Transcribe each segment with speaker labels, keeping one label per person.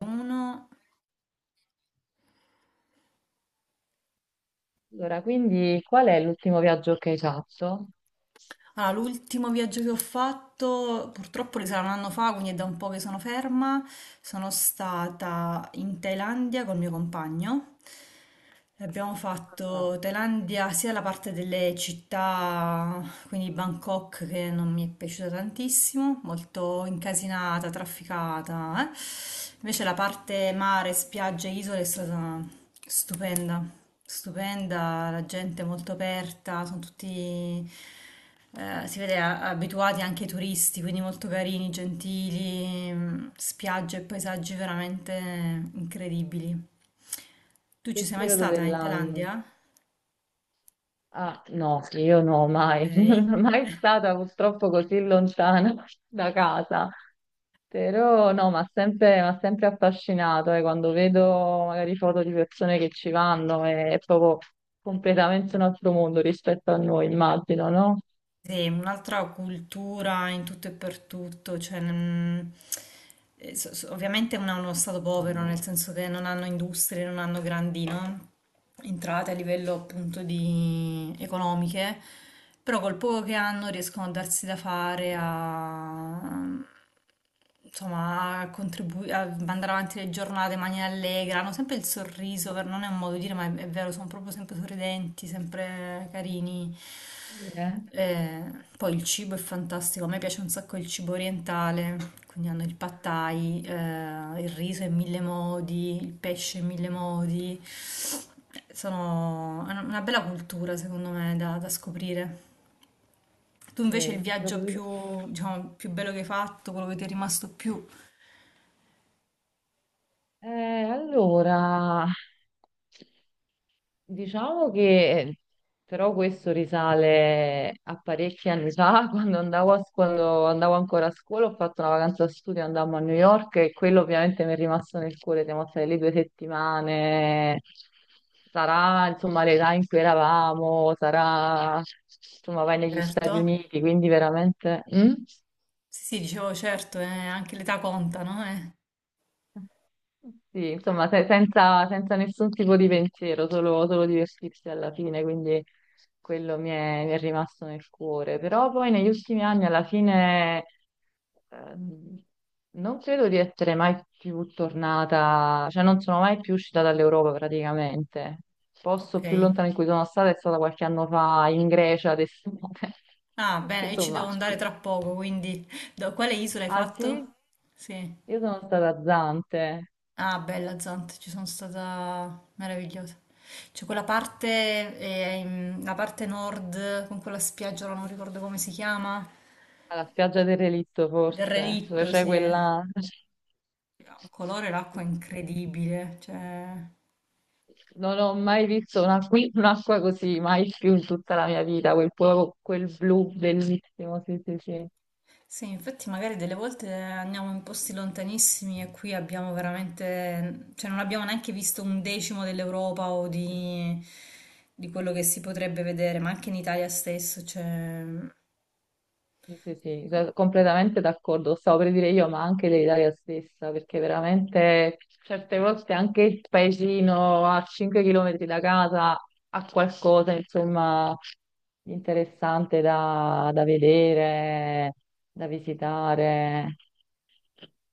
Speaker 1: Uno
Speaker 2: Allora, quindi qual è l'ultimo viaggio che hai fatto?
Speaker 1: Allora, l'ultimo viaggio che ho fatto, purtroppo risale a un anno fa, quindi è da un po' che sono ferma. Sono stata in Thailandia col mio compagno. Abbiamo
Speaker 2: Ah.
Speaker 1: fatto Thailandia sia la parte delle città, quindi Bangkok, che non mi è piaciuta tantissimo, molto incasinata, trafficata, eh. Invece la parte mare, spiagge, isole è stata stupenda, stupenda, la gente è molto aperta, sono tutti si vede abituati anche ai turisti, quindi molto carini, gentili, spiagge e paesaggi veramente incredibili. Tu ci
Speaker 2: Che
Speaker 1: sei mai
Speaker 2: periodo
Speaker 1: stata in
Speaker 2: dell'anno?
Speaker 1: Thailandia?
Speaker 2: Ah, no, sì, io no, mai, non
Speaker 1: Ok.
Speaker 2: sono mai stata purtroppo così lontana da casa. Però no, m'ha sempre affascinato, quando vedo magari foto di persone che ci vanno, è proprio completamente un altro mondo rispetto a noi, immagino, no?
Speaker 1: Sì, un'altra cultura in tutto e per tutto, cioè, ovviamente non è uno stato povero, nel senso che non hanno industrie, non hanno grandi, no? Entrate a livello appunto di economiche, però col poco che hanno riescono a darsi da fare a insomma, a mandare avanti le giornate in maniera allegra, hanno sempre il sorriso, non è un modo di dire, ma è vero, sono proprio sempre sorridenti, sempre carini.
Speaker 2: Eh,
Speaker 1: Eh, poi il cibo è fantastico, a me piace un sacco il cibo orientale, quindi hanno il pad thai, il riso in mille modi, il pesce in mille modi. Sono è una bella cultura, secondo me, da, da scoprire. Tu invece il
Speaker 2: sì,
Speaker 1: viaggio più,
Speaker 2: proprio-
Speaker 1: diciamo, più bello che hai fatto, quello che ti è rimasto più
Speaker 2: eh, allora, Diciamo che però questo risale a parecchi anni fa, quando quando andavo ancora a scuola, ho fatto una vacanza da studio, andammo a New York e quello ovviamente mi è rimasto nel cuore, siamo state lì 2 settimane, sarà insomma l'età in cui eravamo, sarà insomma vai negli
Speaker 1: certo,
Speaker 2: Stati Uniti, quindi veramente... Mm?
Speaker 1: sì, sì, dicevo certo, anche l'età conta, no?
Speaker 2: Sì, insomma, senza nessun tipo di pensiero, solo divertirsi alla fine, quindi quello mi è rimasto nel cuore. Però poi negli ultimi anni, alla fine, ehm, non credo di essere mai più tornata, cioè non sono mai più uscita dall'Europa praticamente. Il
Speaker 1: Ok.
Speaker 2: posto più lontano in cui sono stata è stata qualche anno fa in Grecia, ad estate.
Speaker 1: Ah,
Speaker 2: Che,
Speaker 1: bene, io ci devo
Speaker 2: insomma,
Speaker 1: andare tra poco, quindi da quale isola hai
Speaker 2: ah sì?
Speaker 1: fatto? Sì.
Speaker 2: Io sono stata a Zante.
Speaker 1: Ah, bella Zant, ci sono stata meravigliosa. C'è quella parte, la parte nord, con quella spiaggia, ora non ricordo come si chiama,
Speaker 2: Alla spiaggia del relitto,
Speaker 1: del
Speaker 2: forse, dove
Speaker 1: relitto,
Speaker 2: c'è
Speaker 1: sì. Eh.
Speaker 2: quella...
Speaker 1: Ha un colore, l'acqua incredibile, cioè...
Speaker 2: Non ho mai visto un'acqua così, mai più in tutta la mia vita, quel blu bellissimo, sì, sì, sì.
Speaker 1: Sì, infatti magari delle volte andiamo in posti lontanissimi e qui abbiamo veramente, cioè non abbiamo neanche visto un decimo dell'Europa o di quello che si potrebbe vedere, ma anche in Italia stesso, cioè...
Speaker 2: Sì, sì, sì, da- completamente d'accordo, lo stavo per dire io, ma anche l'Italia stessa, perché veramente certe volte anche il paesino a 5 km da casa ha qualcosa, insomma, di interessante da vedere, da visitare.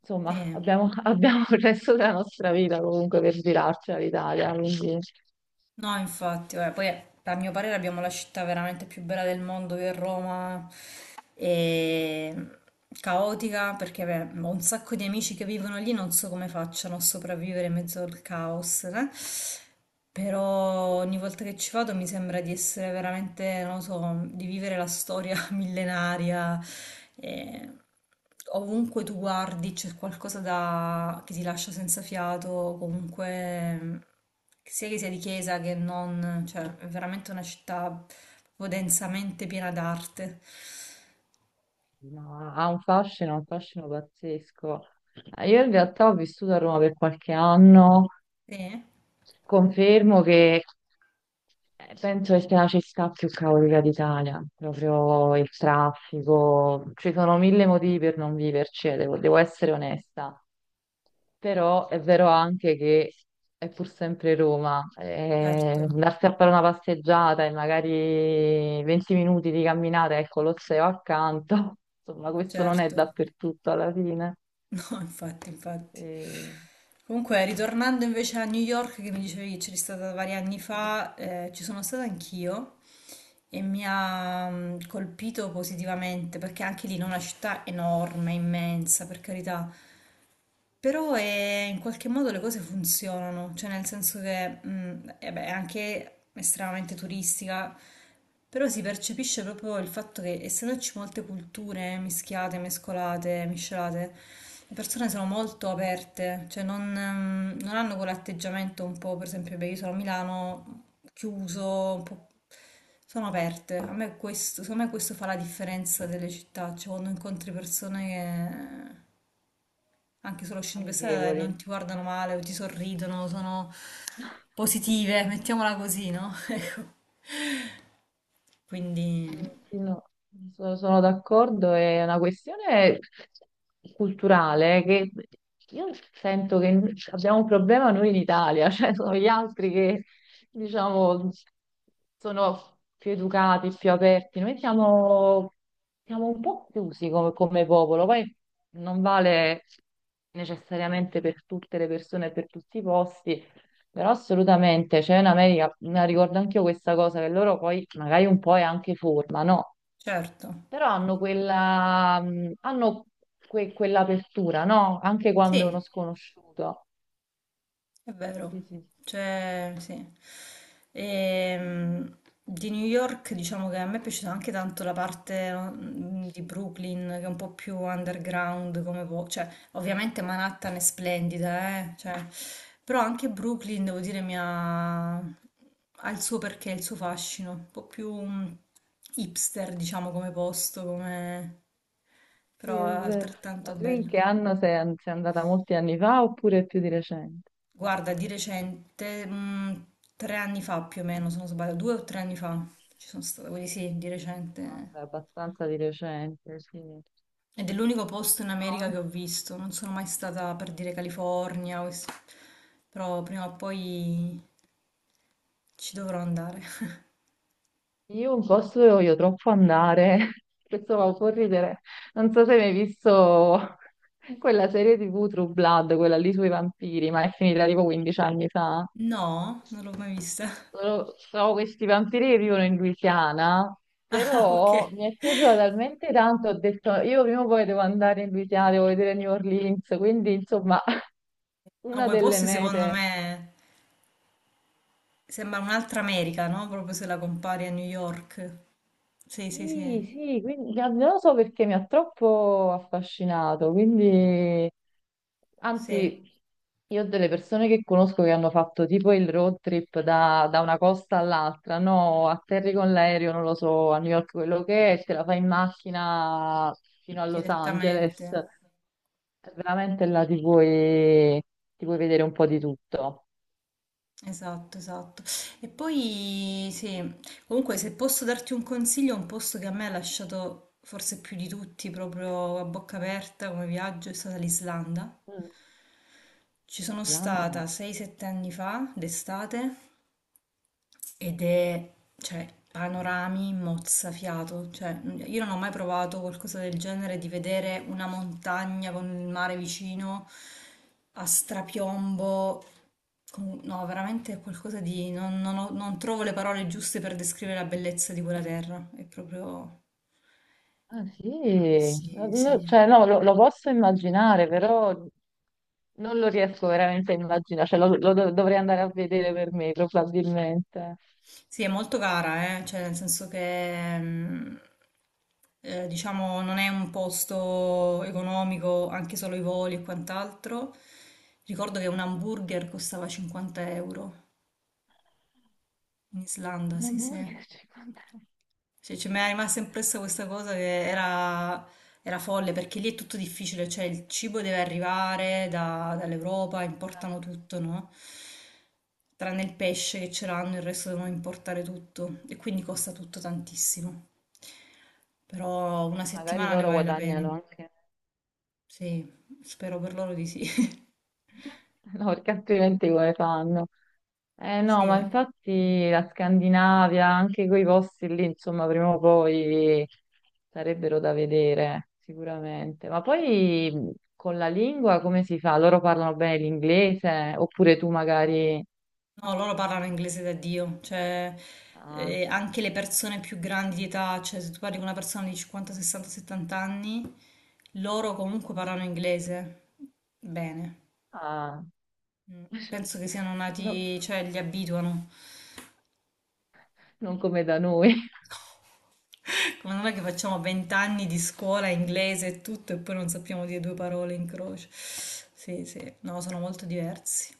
Speaker 2: Insomma,
Speaker 1: Sì.
Speaker 2: abbiamo il resto della nostra vita comunque per girarci all'Italia, quindi
Speaker 1: No, infatti, guarda, poi a mio parere abbiamo la città veramente più bella del mondo che è Roma, e caotica perché beh, ho un sacco di amici che vivono lì, non so come facciano a sopravvivere in mezzo al caos, eh. Però ogni volta che ci vado mi sembra di essere veramente, non lo so, di vivere la storia millenaria. Eh, ovunque tu guardi c'è che ti lascia senza fiato, comunque sia che sia di chiesa che non, cioè è veramente una città proprio densamente piena d'arte.
Speaker 2: no, ha un fascino pazzesco. Io in realtà ho vissuto a Roma per qualche anno.
Speaker 1: Sì,
Speaker 2: Confermo che penso che sia la città più caotica d'Italia, proprio il traffico, ci sono 1000 motivi per non viverci, devo essere onesta, però è vero anche che è pur sempre Roma,
Speaker 1: certo,
Speaker 2: andarsi a fare una passeggiata e magari 20 minuti di camminata e il Colosseo accanto, insomma questo non è
Speaker 1: certo.
Speaker 2: dappertutto alla fine.
Speaker 1: No, infatti, infatti.
Speaker 2: Eh,
Speaker 1: Comunque, ritornando invece a New York, che mi dicevi che c'eri stata vari anni fa, ci sono stata anch'io. E mi ha colpito positivamente perché anche lì non è una città enorme, immensa, per carità, però in qualche modo le cose funzionano, cioè nel senso che eh beh, è anche estremamente turistica, però si percepisce proprio il fatto che essendoci molte culture mischiate, mescolate, miscelate, le persone sono molto aperte, cioè non, non hanno quell'atteggiamento un po', per esempio, beh, io sono a Milano chiuso, un po'... sono aperte. A me questo, secondo me questo fa la differenza delle città, cioè quando incontri persone che anche solo scene pensate
Speaker 2: amichevoli.
Speaker 1: non ti guardano male o ti sorridono, sono positive, mettiamola così, no? Ecco, quindi
Speaker 2: Mm, sì, no, sono d'accordo, è una questione culturale che io sento che abbiamo un problema noi in Italia, cioè sono gli altri che diciamo sono più educati, più aperti, siamo un po' chiusi come, come popolo, poi non vale necessariamente per tutte le persone e per tutti i posti, però assolutamente, cioè in America, me la ricordo anche io questa cosa, che loro poi magari un po' è anche forma, no?
Speaker 1: certo,
Speaker 2: Però hanno quella, hanno quell'apertura, no? Anche quando è uno
Speaker 1: sì,
Speaker 2: sconosciuto.
Speaker 1: è
Speaker 2: Sì,
Speaker 1: vero,
Speaker 2: sì,
Speaker 1: cioè sì. Ehm, di New York diciamo che a me è piaciuta anche tanto la parte di Brooklyn che è un po' più underground cioè ovviamente Manhattan è splendida, cioè, però anche Brooklyn devo dire mi ha... ha il suo perché, il suo fascino, un po' più mm, hipster diciamo come posto, come...
Speaker 2: sì,
Speaker 1: però
Speaker 2: è
Speaker 1: è
Speaker 2: vero.
Speaker 1: altrettanto
Speaker 2: Ma tu in
Speaker 1: bello.
Speaker 2: che anno sei andata molti anni fa oppure più di recente?
Speaker 1: Guarda, di recente, tre anni fa più o meno, se non sbaglio, due o tre anni fa ci sono stata, quindi sì, di
Speaker 2: Ah,
Speaker 1: recente.
Speaker 2: beh, abbastanza di recente, sì.
Speaker 1: Ed è l'unico posto in America
Speaker 2: No,
Speaker 1: che ho visto, non sono mai stata per dire California, quest- però prima o poi ci dovrò andare.
Speaker 2: io un posto dove voglio troppo andare, questo va un po' a ridere, non so se hai mai visto quella serie TV True Blood, quella lì sui vampiri, ma è finita tipo 15 anni fa.
Speaker 1: No, non l'ho mai vista.
Speaker 2: Sono questi vampiri che vivono in Louisiana,
Speaker 1: Ah, ok.
Speaker 2: però mi è piaciuta talmente tanto, ho detto io prima o poi devo andare in Louisiana, devo vedere New Orleans, quindi insomma
Speaker 1: No,
Speaker 2: una
Speaker 1: quei
Speaker 2: delle
Speaker 1: posti secondo
Speaker 2: mete.
Speaker 1: me sembra un'altra America, no? Proprio se la compari a New York. Sì, sì, sì,
Speaker 2: Sì, sì, quindi non lo so perché mi ha troppo affascinato, quindi...
Speaker 1: sì,
Speaker 2: Anzi, io ho delle persone che conosco che hanno fatto tipo il road trip da una costa all'altra, no, atterri con l'aereo, non lo so, a New York quello che è, te la fai in macchina fino a Los Angeles,
Speaker 1: direttamente.
Speaker 2: veramente là ti puoi vedere un po' di tutto.
Speaker 1: Esatto, esatto. E poi sì, comunque se posso darti un consiglio, un posto che a me ha lasciato forse più di tutti proprio a bocca aperta come viaggio è stata l'Islanda.
Speaker 2: Mm,
Speaker 1: Ci sono stata
Speaker 2: Irlanda?
Speaker 1: 6-7 anni fa, d'estate, ed è, cioè, panorami mozzafiato, cioè, io non ho mai provato qualcosa del genere di vedere una montagna con il mare vicino a strapiombo. Con- No, veramente è qualcosa di... non trovo le parole giuste per descrivere la bellezza di quella terra. È proprio...
Speaker 2: Ah sì, no,
Speaker 1: Sì. Sì.
Speaker 2: no, cioè no, lo posso immaginare, però non lo riesco veramente a immaginare, cioè dovrei andare a vedere per me probabilmente.
Speaker 1: Sì, è molto cara, cioè, nel senso che diciamo non è un posto economico, anche solo i voli e quant'altro. Ricordo che un hamburger costava 50 euro in Islanda,
Speaker 2: Non
Speaker 1: sì, sì.
Speaker 2: voglio 50.
Speaker 1: Sì, cioè, mi è rimasta impressa questa cosa che era, era folle perché lì è tutto difficile, cioè il cibo deve arrivare da- dall'Europa, importano tutto, no? Tranne il pesce che ce l'hanno, il resto devono importare tutto e quindi costa tutto tantissimo. Però una
Speaker 2: Magari
Speaker 1: settimana ne
Speaker 2: loro
Speaker 1: vale la pena.
Speaker 2: guadagnano anche,
Speaker 1: Sì, spero per loro di sì.
Speaker 2: no, perché altrimenti come fanno? Eh no, ma
Speaker 1: Sì.
Speaker 2: infatti la Scandinavia, anche quei posti lì, insomma, prima o poi sarebbero da vedere, sicuramente. Ma poi con la lingua come si fa? Loro parlano bene l'inglese? Oppure tu magari...
Speaker 1: No, loro parlano inglese da Dio, cioè
Speaker 2: ah,
Speaker 1: anche le persone più grandi di età, cioè se tu parli con una persona di 50, 60, 70 anni, loro comunque parlano inglese bene.
Speaker 2: ah,
Speaker 1: Mm. Penso che siano
Speaker 2: no,
Speaker 1: nati, cioè li abituano.
Speaker 2: non come da noi.
Speaker 1: Come non è che facciamo 20 anni di scuola inglese e tutto e poi non sappiamo dire due parole in croce. Sì, sì, no, sono molto diversi.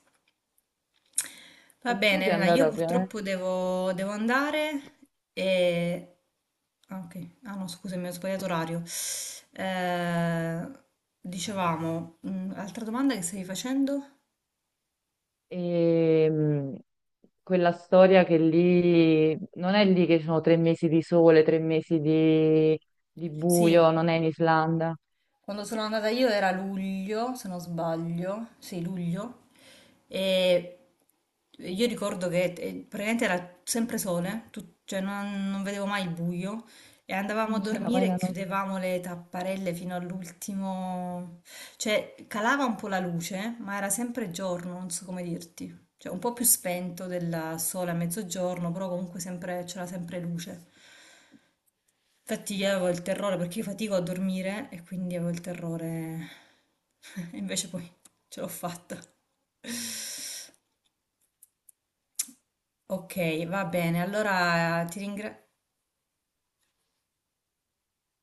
Speaker 1: Va
Speaker 2: E tu
Speaker 1: bene,
Speaker 2: sei
Speaker 1: Elena,
Speaker 2: andata
Speaker 1: io
Speaker 2: ovviamente.
Speaker 1: purtroppo devo, devo andare e... Ah, ok. Ah, no, scusami, ho sbagliato orario. Eh, dicevamo, altra domanda che stavi facendo?
Speaker 2: E, quella storia che lì non è lì che ci sono 3 mesi di sole, 3 mesi di
Speaker 1: Sì,
Speaker 2: buio, non è in Islanda,
Speaker 1: quando sono andata io era luglio, se non sbaglio, sì, luglio, e io ricordo che praticamente era sempre sole, tu- cioè non, non vedevo mai il buio, e andavamo a
Speaker 2: non c'era
Speaker 1: dormire
Speaker 2: mai
Speaker 1: e
Speaker 2: la notte.
Speaker 1: chiudevamo le tapparelle fino all'ultimo, cioè calava un po' la luce, ma era sempre giorno, non so come dirti, cioè un po' più spento del sole a mezzogiorno, però comunque sempre- c'era sempre luce. Infatti io avevo il terrore perché io fatico a dormire e quindi avevo il terrore. E invece poi ce l'ho fatta. Ok, va bene. Allora ti ringrazio.